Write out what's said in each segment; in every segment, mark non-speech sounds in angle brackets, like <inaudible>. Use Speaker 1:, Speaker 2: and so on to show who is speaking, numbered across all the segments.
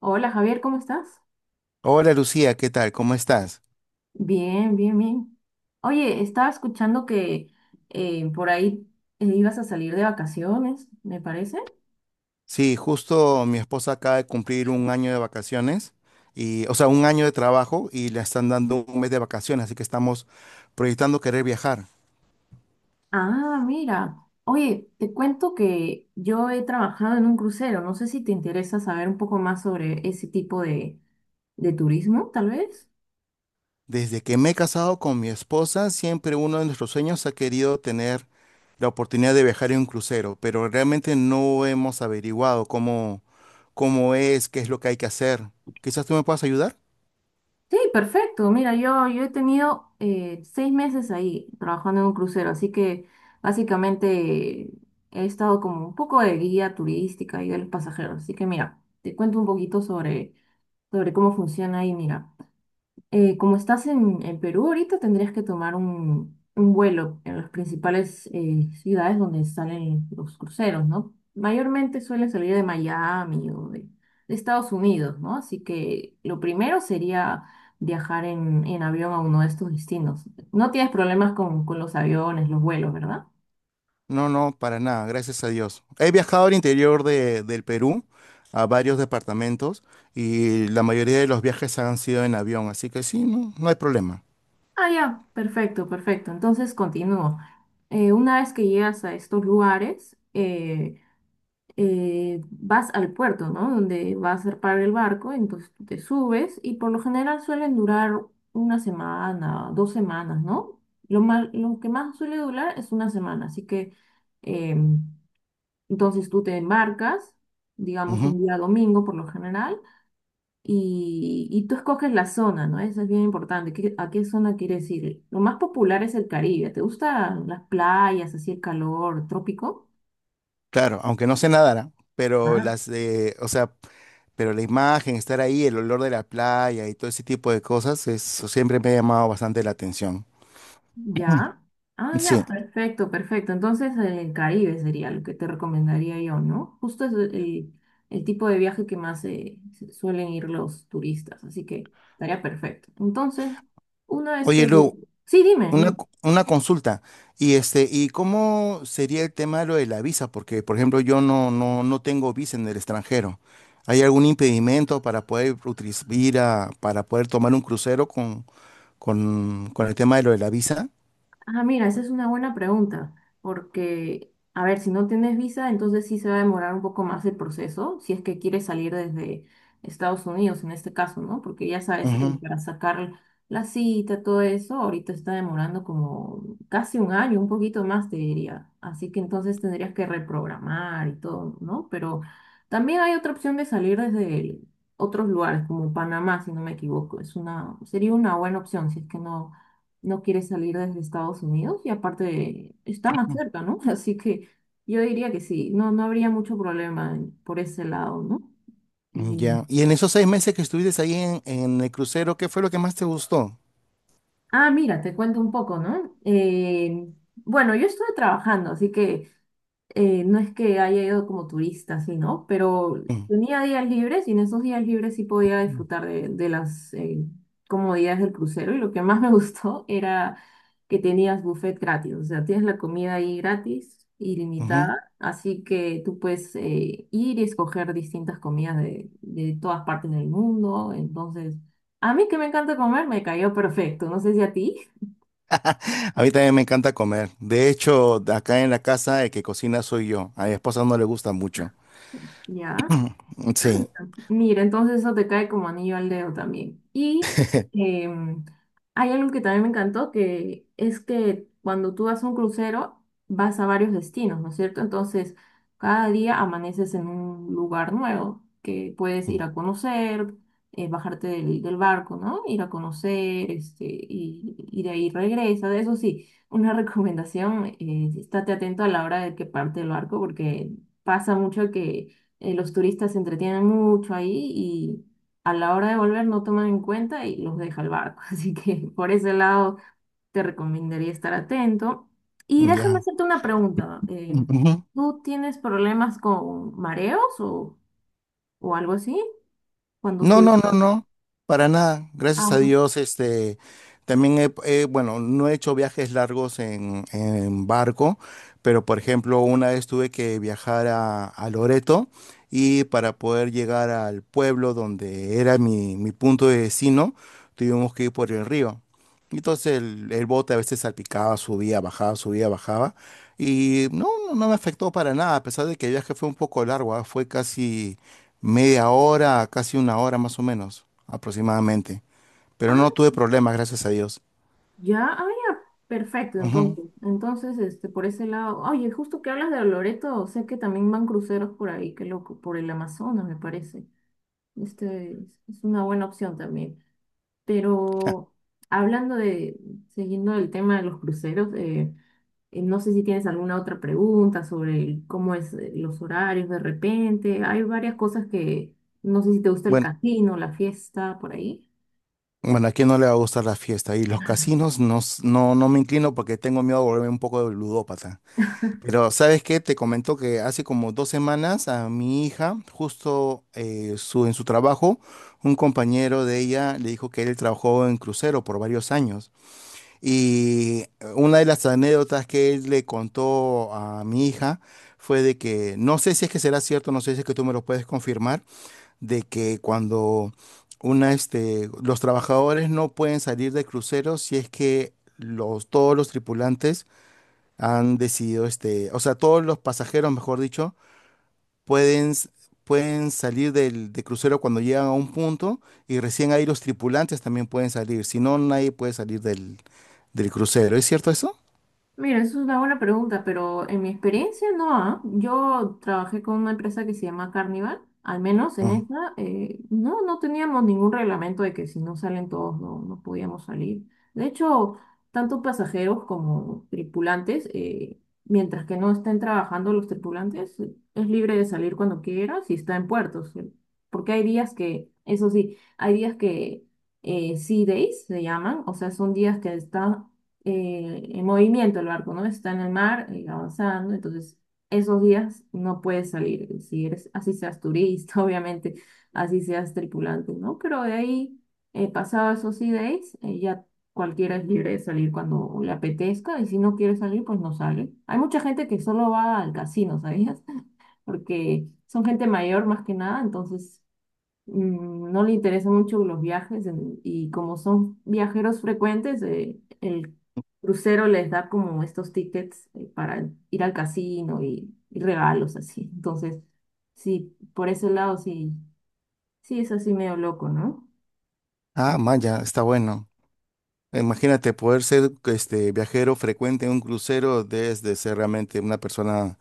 Speaker 1: Hola Javier, ¿cómo estás?
Speaker 2: Hola Lucía, ¿qué tal? ¿Cómo estás?
Speaker 1: Bien, bien, bien. Oye, estaba escuchando que por ahí ibas a salir de vacaciones, me parece.
Speaker 2: Sí, justo mi esposa acaba de cumplir un año de vacaciones y, o sea, un año de trabajo y le están dando un mes de vacaciones, así que estamos proyectando querer viajar.
Speaker 1: Ah, mira. Oye, te cuento que yo he trabajado en un crucero. No sé si te interesa saber un poco más sobre ese tipo de turismo, tal vez.
Speaker 2: Desde que me he casado con mi esposa, siempre uno de nuestros sueños ha querido tener la oportunidad de viajar en un crucero, pero realmente no hemos averiguado cómo es, qué es lo que hay que hacer. Quizás tú me puedas ayudar.
Speaker 1: Sí, perfecto. Mira, yo he tenido seis meses ahí trabajando en un crucero, así que básicamente he estado como un poco de guía turística y de los pasajeros. Así que mira, te cuento un poquito sobre cómo funciona ahí, mira como estás en Perú ahorita, tendrías que tomar un vuelo en las principales ciudades donde salen los cruceros, ¿no? Mayormente suelen salir de Miami de Estados Unidos, ¿no? Así que lo primero sería viajar en avión a uno de estos destinos. No tienes problemas con los aviones, los vuelos, ¿verdad?
Speaker 2: No, no, para nada, gracias a Dios. He viajado al interior del Perú, a varios departamentos, y la mayoría de los viajes han sido en avión, así que sí, no, no hay problema.
Speaker 1: Ah, ya, perfecto, perfecto. Entonces continúo. Una vez que llegas a estos lugares, vas al puerto, ¿no? Donde vas a parar el barco, entonces tú te subes y por lo general suelen durar una semana, dos semanas, ¿no? Lo que más suele durar es una semana, así que em, entonces tú te embarcas, digamos
Speaker 2: Ujú.
Speaker 1: un día domingo por lo general, y tú escoges la zona, ¿no? Eso es bien importante, ¿a qué zona quieres ir? Lo más popular es el Caribe, ¿te gustan las playas, así el calor, trópico?
Speaker 2: Claro, aunque no sé nadar, ¿ah? O sea, pero la imagen, estar ahí, el olor de la playa y todo ese tipo de cosas, eso siempre me ha llamado bastante la atención. Mm.
Speaker 1: Ya. Ah,
Speaker 2: Sí.
Speaker 1: ya, perfecto, perfecto. Entonces, el Caribe sería lo que te recomendaría yo, ¿no? Justo es el tipo de viaje que más suelen ir los turistas, así que estaría perfecto. Entonces, una vez
Speaker 2: Oye,
Speaker 1: que...
Speaker 2: Lu,
Speaker 1: Sí, dime,
Speaker 2: Una,
Speaker 1: dime.
Speaker 2: co- una consulta. Y este, ¿y cómo sería el tema de lo de la visa? Porque, por ejemplo, yo no, no, no tengo visa en el extranjero. ¿Hay algún impedimento para poder para poder tomar un crucero con, con el tema de lo de la visa?
Speaker 1: Ah, mira, esa es una buena pregunta, porque, a ver, si no tienes visa, entonces sí se va a demorar un poco más el proceso, si es que quieres salir desde Estados Unidos en este caso, ¿no? Porque ya sabes,
Speaker 2: Ujú.
Speaker 1: para sacar la cita, todo eso, ahorita está demorando como casi un año, un poquito más, te diría. Así que entonces tendrías que reprogramar y todo, ¿no? Pero también hay otra opción de salir desde otros lugares, como Panamá, si no me equivoco. Es una, sería una buena opción, si es que no quiere salir desde Estados Unidos y aparte está más cerca, ¿no? <laughs> Así que yo diría que sí, no, no habría mucho problema por ese lado, ¿no? Y-
Speaker 2: Ya. Y en esos 6 meses que estuviste ahí en el crucero, ¿qué fue lo que más te gustó?
Speaker 1: Ah, mira, te cuento un poco, ¿no? Bueno, yo estuve trabajando, así que no es que haya ido como turista, sí, ¿no? Pero
Speaker 2: Mm,
Speaker 1: tenía días libres y en esos días libres sí podía disfrutar de las comodidades del crucero. Y lo que más me <laughs> gustó era que tenías buffet gratis, o sea, tienes la comida ahí gratis,
Speaker 2: ujú.
Speaker 1: ilimitada, así que tú puedes ir y escoger distintas comidas de todas partes del mundo. Entonces, a mí que me encanta comer, me cayó perfecto. No sé si a ti,
Speaker 2: A mí también me encanta comer. De hecho, acá en la casa el que cocina soy yo. A mi esposa no le gusta mucho.
Speaker 1: <laughs> ¿ya? Ah
Speaker 2: Sí.
Speaker 1: está. Mira, entonces eso te cae como anillo al dedo también. Y em, hay algo que también me encantó, que es que cuando tú vas a un crucero, vas a varios destinos, ¿no es cierto? Entonces, cada día amaneces en un lugar nuevo que puedes ir a conocer, bajarte del barco, ¿no? Ir a conocer, este, y de ahí regresa. De eso sí, una <laughs> recomendación, estate atento a la hora de que parte el barco, porque pasa mucho que los turistas se entretienen mucho ahí y a la hora de volver no toman en cuenta y los deja el barco. <laughs> Así que por ese lado te recomendaría estar atento. Y déjame
Speaker 2: Ya.
Speaker 1: hacerte una pregunta.
Speaker 2: Ujú.
Speaker 1: ¿Tú tienes problemas con mareos o algo así cuando
Speaker 2: No,
Speaker 1: subes?
Speaker 2: no, no, no, para nada. Gracias a
Speaker 1: Ajá.
Speaker 2: Dios, este, también bueno, no he hecho viajes largos en barco, pero por ejemplo, una vez tuve que viajar a Loreto y para poder llegar al pueblo donde era mi punto de destino, tuvimos que ir por el río. Entonces el bote a veces salpicaba, subía, bajaba, subía, bajaba. Y no, no, no me afectó para nada, a pesar de que el viaje fue un poco largo, ah. Fue casi media hora, casi una hora más o menos, aproximadamente. Pero
Speaker 1: Ah,
Speaker 2: no tuve problemas, gracias a Dios.
Speaker 1: ya, ah, ya, perfecto,
Speaker 2: Ujú.
Speaker 1: entonces. Entonces, este, por ese lado, oye, justo que hablas de Loreto, sé que también van cruceros por ahí, qué loco, por el Amazonas, me parece. Este es es una buena opción también.
Speaker 2: Ja.
Speaker 1: Pero hablando de, siguiendo el tema de los cruceros, no sé si tienes alguna otra pregunta sobre cómo es los horarios de repente. Hay varias cosas que, no sé si te gusta el
Speaker 2: Bueno,
Speaker 1: casino, la fiesta, por ahí.
Speaker 2: bueno, ¿a quién no le va a gustar la fiesta? Y los casinos no, no, no me inclino porque tengo miedo de volverme un poco de ludópata. Pero ¿sabes qué? Te comento que hace como 2 semanas a mi hija, justo en su trabajo, un compañero de ella le dijo que él trabajó en crucero por varios años. Y una de las anécdotas que él le contó a mi hija fue de que, no sé si es que será cierto, no sé si es que tú me lo puedes confirmar, de que cuando los trabajadores no pueden salir de cruceros si es que todos los tripulantes han decidido, o sea, todos los pasajeros, mejor dicho, pueden, s- pueden salir de crucero cuando llegan a un punto y recién ahí los tripulantes también pueden salir, si no, nadie puede salir del crucero. ¿Es cierto eso?
Speaker 1: Mira, eso es una buena pregunta, pero en mi experiencia no, ah. Yo trabajé con una empresa que se llama Carnival, al menos en
Speaker 2: Ujú.
Speaker 1: esta, no, no teníamos ningún reglamento de que si no salen todos no, no podíamos salir. De hecho, tanto pasajeros como tripulantes, mientras que no estén trabajando los tripulantes, es libre de salir cuando quiera si está en puertos. Porque hay días que, eso sí, hay días que sea days se llaman, o sea, son días que está en movimiento el barco, ¿no? Está en el mar, avanzando, entonces esos días no puedes salir, si eres, así seas turista, <laughs> obviamente, así seas tripulante, ¿no? Pero de ahí, pasado esos sea days, ya cualquiera es libre de salir cuando le apetezca, y si no quiere salir, pues no sale. Hay mucha gente que solo va al casino, ¿sabías? <laughs> Porque son gente mayor más que nada, entonces no le interesan mucho los viajes y como son viajeros frecuentes, el crucero les da como estos tickets para ir al casino y regalos así. Entonces, sí, por ese lado sí, sí es así medio loco, ¿no?
Speaker 2: Ah, Maya, está bueno. Imagínate poder ser este viajero frecuente en un crucero desde ser realmente una persona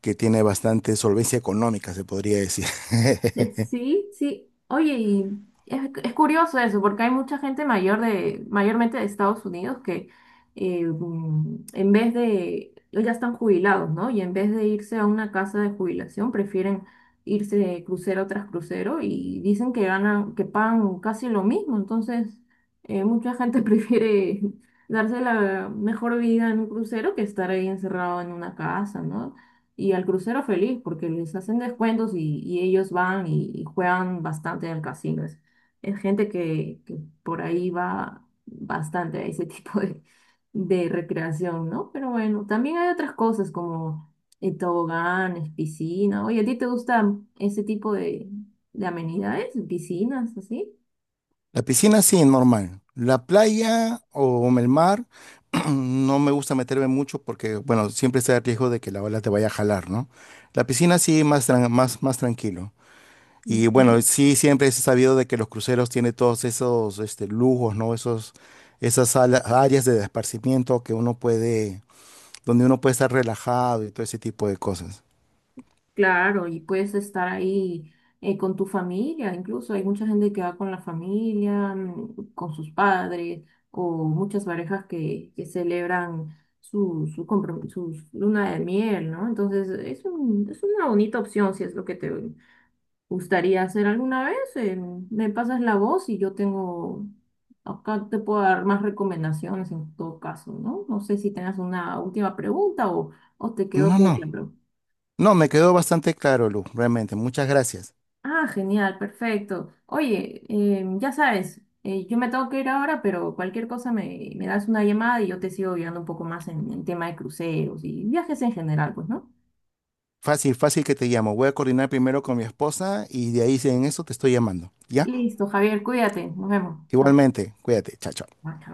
Speaker 2: que tiene bastante solvencia económica, se podría decir. <laughs>
Speaker 1: Sí, sí. Oye, es curioso eso, porque hay mucha gente mayor mayormente de Estados Unidos que en vez de, ya están jubilados, ¿no? Y en vez de irse a una casa de jubilación, prefieren irse de crucero tras crucero y dicen que ganan, que pagan casi lo mismo. Entonces, mucha gente <laughs> prefiere darse la mejor vida en un crucero que estar ahí encerrado en una casa, ¿no? Y al crucero feliz, porque les hacen descuentos y ellos van y juegan bastante en el casino. Es gente que por ahí va bastante a ese <laughs> tipo de recreación, ¿no? Pero bueno, también hay otras cosas como toboganes, piscina. Oye, ¿a ti te gustan ese tipo de amenidades? ¿Piscinas, así?
Speaker 2: La piscina sí, normal. La playa o el mar, <clears throat> no me gusta meterme mucho porque, bueno, siempre está el riesgo de que la ola te vaya a jalar, ¿no? La piscina sí, más tranquilo. Y bueno,
Speaker 1: Ujú.
Speaker 2: sí, siempre es sabido de que los cruceros tienen todos esos lujos, ¿no? Áreas de esparcimiento que donde uno puede estar relajado y todo ese tipo de cosas.
Speaker 1: Claro, y puedes estar ahí con tu familia, incluso hay mucha gente que va con la familia, con sus padres, o muchas parejas que celebran su luna de miel, ¿no? Entonces es una bonita opción si es lo que te gustaría hacer alguna vez. Me pasas la voz y acá te puedo dar más recomendaciones en todo caso, ¿no? No sé si tengas una última pregunta o te quedó
Speaker 2: No,
Speaker 1: todo
Speaker 2: no,
Speaker 1: claro.
Speaker 2: no, me quedó bastante claro, Lu, realmente. Muchas gracias.
Speaker 1: Ah, genial, perfecto. Oye, ya sabes, yo me tengo que ir ahora, pero cualquier cosa me das una llamada y yo te sigo guiando un poco más en tema de cruceros y viajes en general, pues, ¿no?
Speaker 2: Fácil, fácil que te llamo. Voy a coordinar primero con mi esposa y de ahí si en eso te estoy llamando, ¿ya?
Speaker 1: Listo, Javier, cuídate, nos vemos. Chao.
Speaker 2: Igualmente, cuídate, chao, chao.
Speaker 1: Ah, chao.